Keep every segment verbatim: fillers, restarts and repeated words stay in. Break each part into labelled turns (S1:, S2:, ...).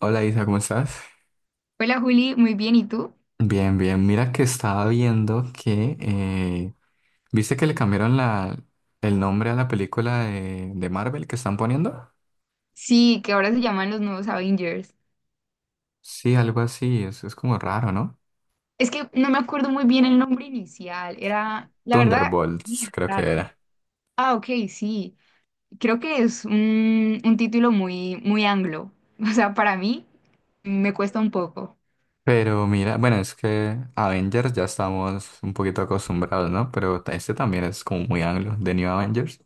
S1: Hola Isa, ¿cómo estás?
S2: Hola Juli, muy bien, ¿y tú?
S1: Bien, bien. Mira que estaba viendo que... eh, ¿viste que le cambiaron la, el nombre a la película de, de Marvel que están poniendo?
S2: Sí, que ahora se llaman los nuevos Avengers.
S1: Sí, algo así. Es, es como raro, ¿no?
S2: Es que no me acuerdo muy bien el nombre inicial, era, la verdad,
S1: Thunderbolts,
S2: bien
S1: creo que
S2: raro.
S1: era.
S2: Ah, ok, sí, creo que es un, un título muy, muy anglo, o sea, para mí me cuesta un poco,
S1: Pero mira, bueno, es que Avengers ya estamos un poquito acostumbrados, ¿no? Pero este también es como muy anglo, The New Avengers.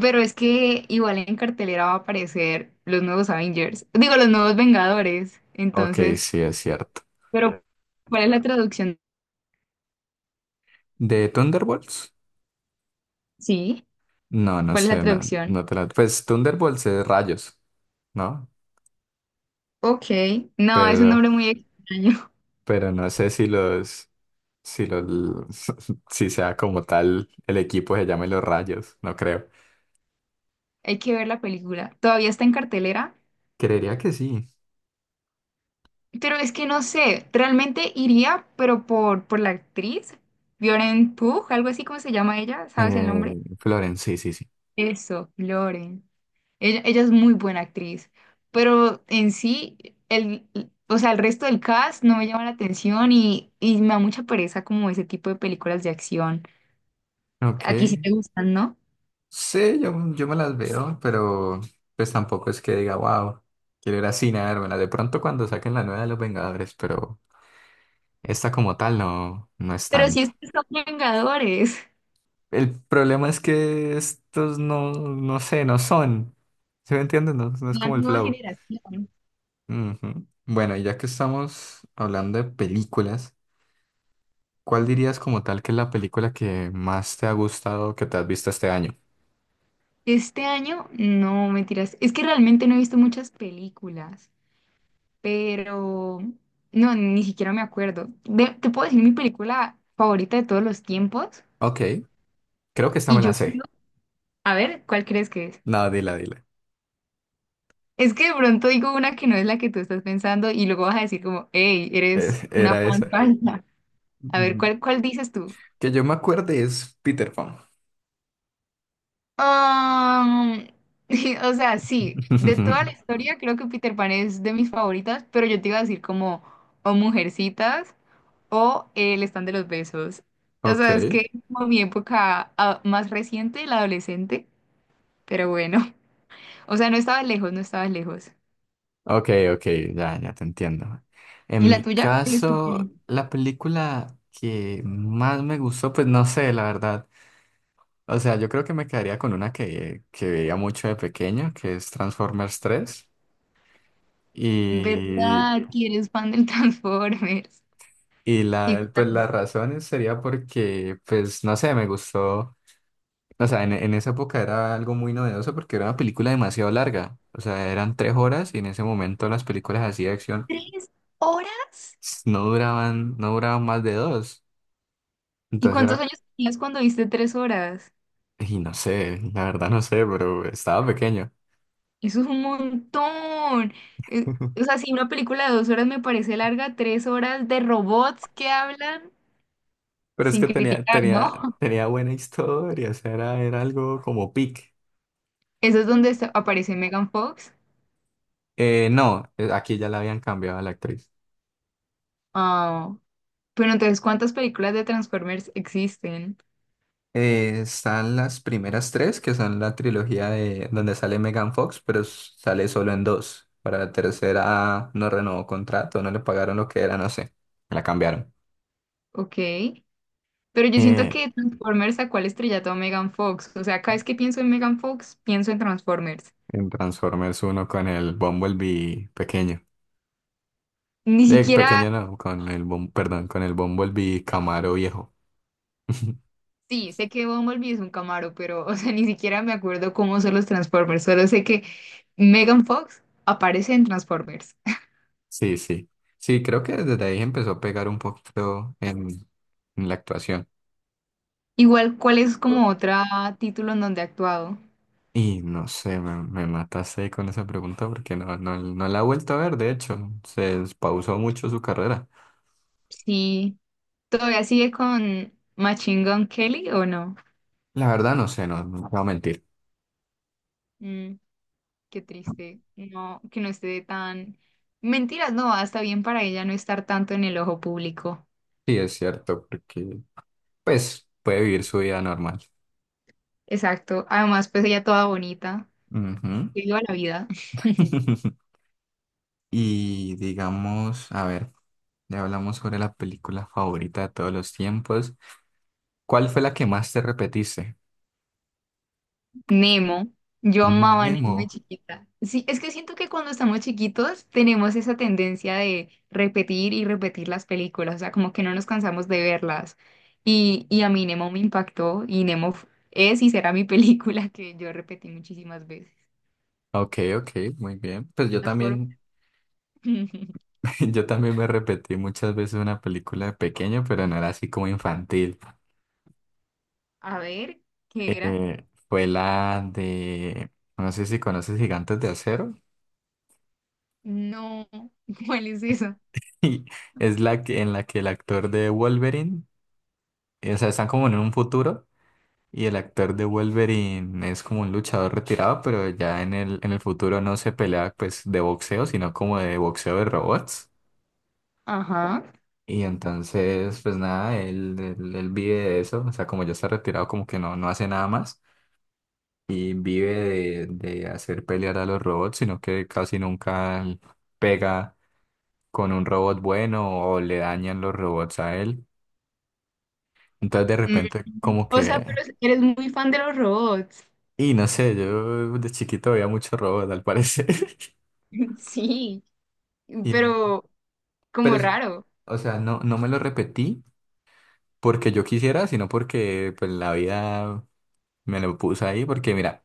S2: pero es que igual en cartelera va a aparecer los nuevos Avengers, digo, los nuevos Vengadores,
S1: Ok,
S2: entonces,
S1: sí, es cierto.
S2: pero ¿cuál es la traducción?
S1: ¿De Thunderbolts?
S2: Sí,
S1: No, no
S2: ¿cuál es la
S1: sé, no,
S2: traducción?
S1: no te la... Pues Thunderbolts es rayos, ¿no?
S2: Ok, no, es un
S1: Pero
S2: nombre muy extraño.
S1: pero no sé si los, si los, si sea como tal el equipo se llame Los Rayos, no creo.
S2: Hay que ver la película. Todavía está en cartelera,
S1: Creería que sí.
S2: pero es que no sé, realmente iría, pero por, por la actriz, Lauren Pugh, algo así como se llama ella, ¿sabes el
S1: Eh,
S2: nombre?
S1: Florence, sí, sí, sí.
S2: Eso, Lauren. Ella, ella es muy buena actriz, pero en sí, el, o sea, el resto del cast no me llama la atención y, y me da mucha pereza como ese tipo de películas de acción. A ti sí
S1: Ok.
S2: te gustan, ¿no?
S1: Sí, yo, yo me las veo, pero pues tampoco es que diga, wow, quiero ir así a vérmela. De pronto cuando saquen la nueva de los Vengadores, pero esta como tal no, no es
S2: Pero si
S1: tanto.
S2: estos son Vengadores,
S1: El problema es que estos no, no sé, no son. ¿Se me entiende? No, no es
S2: la
S1: como el
S2: nueva
S1: flow.
S2: generación.
S1: Ujú. Bueno, y ya que estamos hablando de películas, ¿cuál dirías como tal que es la película que más te ha gustado que te has visto este año?
S2: Este año, no, mentiras. Es que realmente no he visto muchas películas, pero no, ni siquiera me acuerdo. De- te puedo decir mi película favorita de todos los tiempos
S1: Ok, creo que esta
S2: y
S1: me
S2: yo
S1: la
S2: digo,
S1: sé.
S2: a ver, ¿cuál crees que es?
S1: No, dila, dila.
S2: Es que de pronto digo una que no es la que tú estás pensando y luego vas a decir como, hey, eres
S1: Es-
S2: una
S1: era esa.
S2: fan falsa. A ver,
S1: Mm,
S2: ¿cuál, cuál dices tú?
S1: que yo me acuerde es Peter Pan.
S2: Um, o sea, sí, de toda la historia creo que Peter Pan es de mis favoritas, pero yo te iba a decir como, o Mujercitas. O el stand de los besos. O
S1: Ok,
S2: sea, es que como mi época ah, más reciente, la adolescente, pero bueno. O sea, no estaba lejos, no estaba lejos.
S1: ok, ok, ya, ya te entiendo.
S2: ¿Y
S1: En
S2: la
S1: mi
S2: tuya? ¿Cuál es tu
S1: caso,
S2: peli?
S1: la película que más me gustó, pues no sé, la verdad. O sea, yo creo que me quedaría con una que, que veía mucho de pequeño, que es Transformers tres. Y,
S2: ¿Verdad que eres fan del Transformers?
S1: y
S2: ¿Y
S1: la,
S2: cuántas-
S1: pues las razones sería porque, pues no sé, me gustó. O sea, en, en esa época era algo muy novedoso porque era una película demasiado larga. O sea, eran tres horas y en ese momento las películas así de acción
S2: ¿Tres horas?
S1: s- no duraban, no duraban más de dos.
S2: ¿Y
S1: Entonces
S2: cuántos
S1: era,
S2: años tenías cuando viste tres horas?
S1: y no sé, la verdad no sé, pero estaba pequeño.
S2: Eso es un montón. Eh, O sea, si una película de dos horas me parece larga, tres horas de robots que hablan
S1: Pero es
S2: sin
S1: que tenía,
S2: criticar,
S1: tenía,
S2: ¿no?
S1: tenía buena historia, o sea, era, era algo como pic.
S2: Eso es donde está- Aparece Megan Fox.
S1: Eh, no, eh, aquí ya la habían cambiado a la actriz.
S2: Ah, pero entonces, ¿cuántas películas de Transformers existen?
S1: Eh, están las primeras tres, que son la trilogía de donde sale Megan Fox, pero s- sale solo en dos. Para la tercera no renovó contrato, no le pagaron lo que era, no sé. La cambiaron.
S2: Ok. Pero yo siento
S1: Eh,
S2: que Transformers sacó al estrellato a Megan Fox. O sea, cada vez que pienso en Megan Fox, pienso en Transformers.
S1: en Transformers uno con el Bumblebee pequeño.
S2: Ni
S1: Eh,
S2: siquiera,
S1: pequeño no, con el, Bum- perdón, con el Bumblebee Camaro viejo.
S2: sí, sé que Bumblebee es un Camaro, pero, o sea, ni siquiera me acuerdo cómo son los Transformers. Solo sé que Megan Fox aparece en Transformers.
S1: Sí, sí. Sí, creo que desde ahí empezó a pegar un poquito en, en la actuación.
S2: Igual, ¿cuál es como otro título en donde ha actuado?
S1: Y no sé, me, me mataste ahí con esa pregunta porque no, no, no la he vuelto a ver, de hecho, se pausó mucho su carrera.
S2: Sí. ¿Todavía sigue con Machine Gun Kelly o no?
S1: La verdad no sé, no, no te voy a mentir.
S2: Mm, qué triste. No, que no esté tan... Mentiras, no, hasta bien para ella no estar tanto en el ojo público.
S1: Sí, es cierto, porque pues puede vivir su vida normal.
S2: Exacto. Además, pues ella toda bonita.
S1: Ujú.
S2: Que viva la vida.
S1: Y digamos, a ver, ya hablamos sobre la película favorita de todos los tiempos. ¿Cuál fue la que más te repetiste?
S2: Nemo. Yo
S1: Mm,
S2: amaba a Nemo de
S1: Nemo.
S2: chiquita. Sí, es que siento que cuando estamos chiquitos tenemos esa tendencia de repetir y repetir las películas, o sea, como que no nos cansamos de verlas. Y, y a mí Nemo me impactó y Nemo f- es y será mi película que yo repetí muchísimas veces.
S1: Ok, ok, muy bien. Pues yo
S2: Las fueron-
S1: también, yo también me repetí muchas veces una película de pequeño, pero no era así como infantil.
S2: A ver, ¿qué era?
S1: Eh, fue la de, no sé si conoces Gigantes de Acero,
S2: No, ¿cuál es eso?
S1: y es la que, en la que el actor de Wolverine, eh, o sea, están como en un futuro, y el actor de Wolverine es como un luchador retirado, pero ya en el, en el futuro no se pelea pues de boxeo, sino como de boxeo de robots.
S2: Ajá.
S1: Y entonces, pues nada, él, él, él vive de eso, o sea, como ya está retirado, como que no, no hace nada más y vive de, de hacer pelear a los robots, sino que casi nunca pega con un robot bueno o le dañan los robots a él. Entonces, de
S2: Mm,
S1: repente, como
S2: O sea,
S1: que,
S2: pero eres muy fan de los robots.
S1: y no sé, yo de chiquito veía muchos robots, al parecer.
S2: Sí,
S1: Y,
S2: pero
S1: pero,
S2: como
S1: es-
S2: raro.
S1: o sea, no, no me lo repetí porque yo quisiera, sino porque pues la vida me lo puso ahí, porque mira.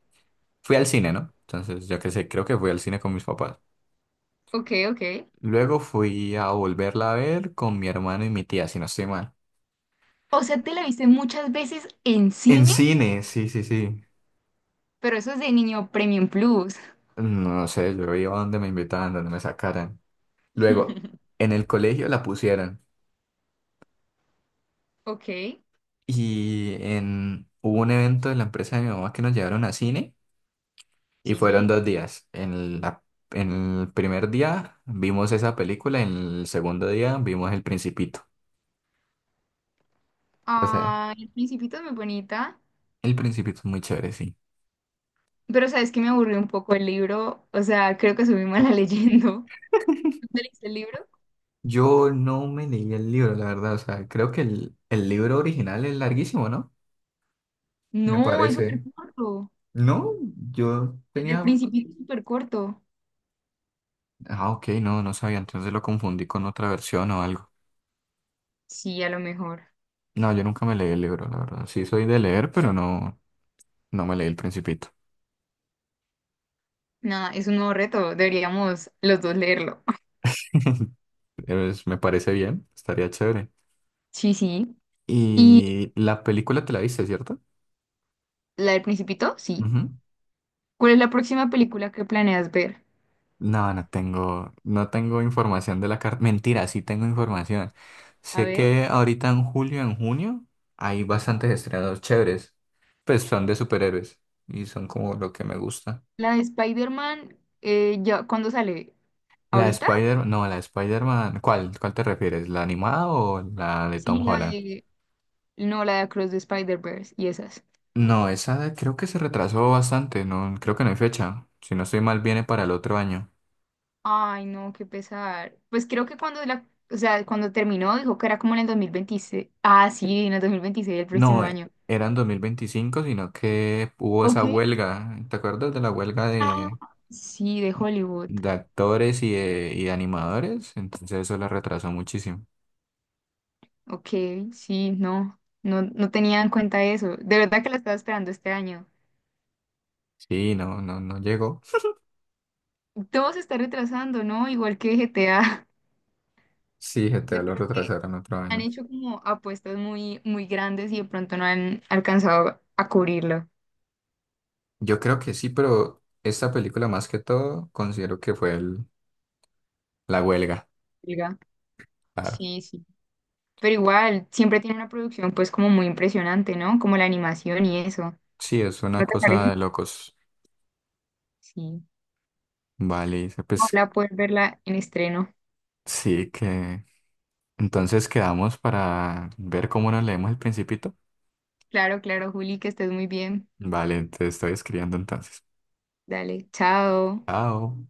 S1: Fui al cine, ¿no? Entonces, yo qué sé, creo que fui al cine con mis papás.
S2: Ok, ok.
S1: Luego fui a volverla a ver con mi hermano y mi tía, si no estoy mal.
S2: O sea, te la viste muchas veces en
S1: En
S2: cine,
S1: cine, sí, sí, sí.
S2: pero eso es de niño Premium Plus.
S1: No sé, yo iba donde me invitaban, donde me sacaran. Luego, en el colegio la pusieron.
S2: Ok.
S1: Y en... hubo un evento de la empresa de mi mamá que nos llevaron a cine y
S2: Sí,
S1: fueron
S2: sí.
S1: dos días. En la... en el primer día vimos esa película, en el segundo día vimos El Principito. O sea,
S2: Ay, el Principito es muy bonita.
S1: El Principito es muy chévere, sí.
S2: Pero sabes que me aburrió un poco el libro. O sea, creo que soy muy mala leyendo. ¿Tú te leíste el libro?
S1: Yo no me leí el libro, la verdad. O sea, creo que el, el libro original es larguísimo, ¿no? Me
S2: No, es súper
S1: parece.
S2: corto.
S1: No, yo
S2: El del
S1: tenía...
S2: Principito es súper corto.
S1: Ah, ok, no, no sabía. Entonces lo confundí con otra versión o algo.
S2: Sí, a lo mejor.
S1: No, yo nunca me leí el libro, la verdad. Sí soy de leer, pero no, no me leí El Principito.
S2: Nada, es un nuevo reto. Deberíamos los dos leerlo.
S1: Pero es- me parece bien, estaría chévere.
S2: Sí, sí. ¿Y
S1: Y la película te la viste, ¿cierto?
S2: la del Principito? Sí. ¿Cuál es la próxima película que planeas ver?
S1: No, no tengo, no tengo información de la carta. Mentira, sí tengo información.
S2: A
S1: Sé
S2: ver.
S1: que ahorita en julio, en junio, hay bastantes estrenos chéveres. Pues son de superhéroes y son como lo que me gusta.
S2: La de Spider-Man, eh, ya, ¿cuándo sale?
S1: La de
S2: ¿Ahorita?
S1: Spider, no, la de Spider-Man, ¿cuál, cuál te refieres? ¿La animada o la de
S2: Sí,
S1: Tom
S2: la
S1: Holland?
S2: de... No, la de Across the Spider-Verse y esas.
S1: No, esa de- creo que se retrasó bastante, no, creo que no hay fecha. Si no estoy mal, viene para el otro año.
S2: Ay, no, qué pesar. Pues creo que cuando la... O sea, cuando terminó, dijo que era como en el dos mil veintiséis. Ah, sí, en el dos mil veintiséis el próximo
S1: No, eh,
S2: año.
S1: era en dos mil veinticinco sino que hubo
S2: Ok.
S1: esa huelga. ¿Te acuerdas de la huelga
S2: Ah,
S1: de
S2: sí, de Hollywood.
S1: de actores y de, y de animadores, entonces eso la retrasó muchísimo?
S2: Ok, sí, no, no, no tenía en cuenta eso. De verdad que la estaba esperando este año.
S1: Sí, no, no, no llegó.
S2: Todo se está retrasando, ¿no? Igual que G T A.
S1: Sí, G T A
S2: Yo
S1: lo
S2: creo que
S1: retrasaron otro
S2: han
S1: año.
S2: hecho como apuestas muy, muy grandes y de pronto no han alcanzado a cubrirlo.
S1: Yo creo que sí, pero esta película más que todo considero que fue el- la huelga.
S2: Olga.
S1: Claro.
S2: Sí, sí. Pero igual, siempre tiene una producción pues como muy impresionante, ¿no? Como la animación y eso.
S1: Sí, es
S2: ¿No
S1: una
S2: te
S1: cosa
S2: parece?
S1: de locos.
S2: Sí.
S1: Vale, dice, pues
S2: Ojalá poder verla en estreno.
S1: sí que... Entonces quedamos para ver cómo nos leemos el Principito.
S2: Claro, claro, Juli, que estés muy bien.
S1: Vale, te estoy escribiendo entonces.
S2: Dale, chao.
S1: Chao.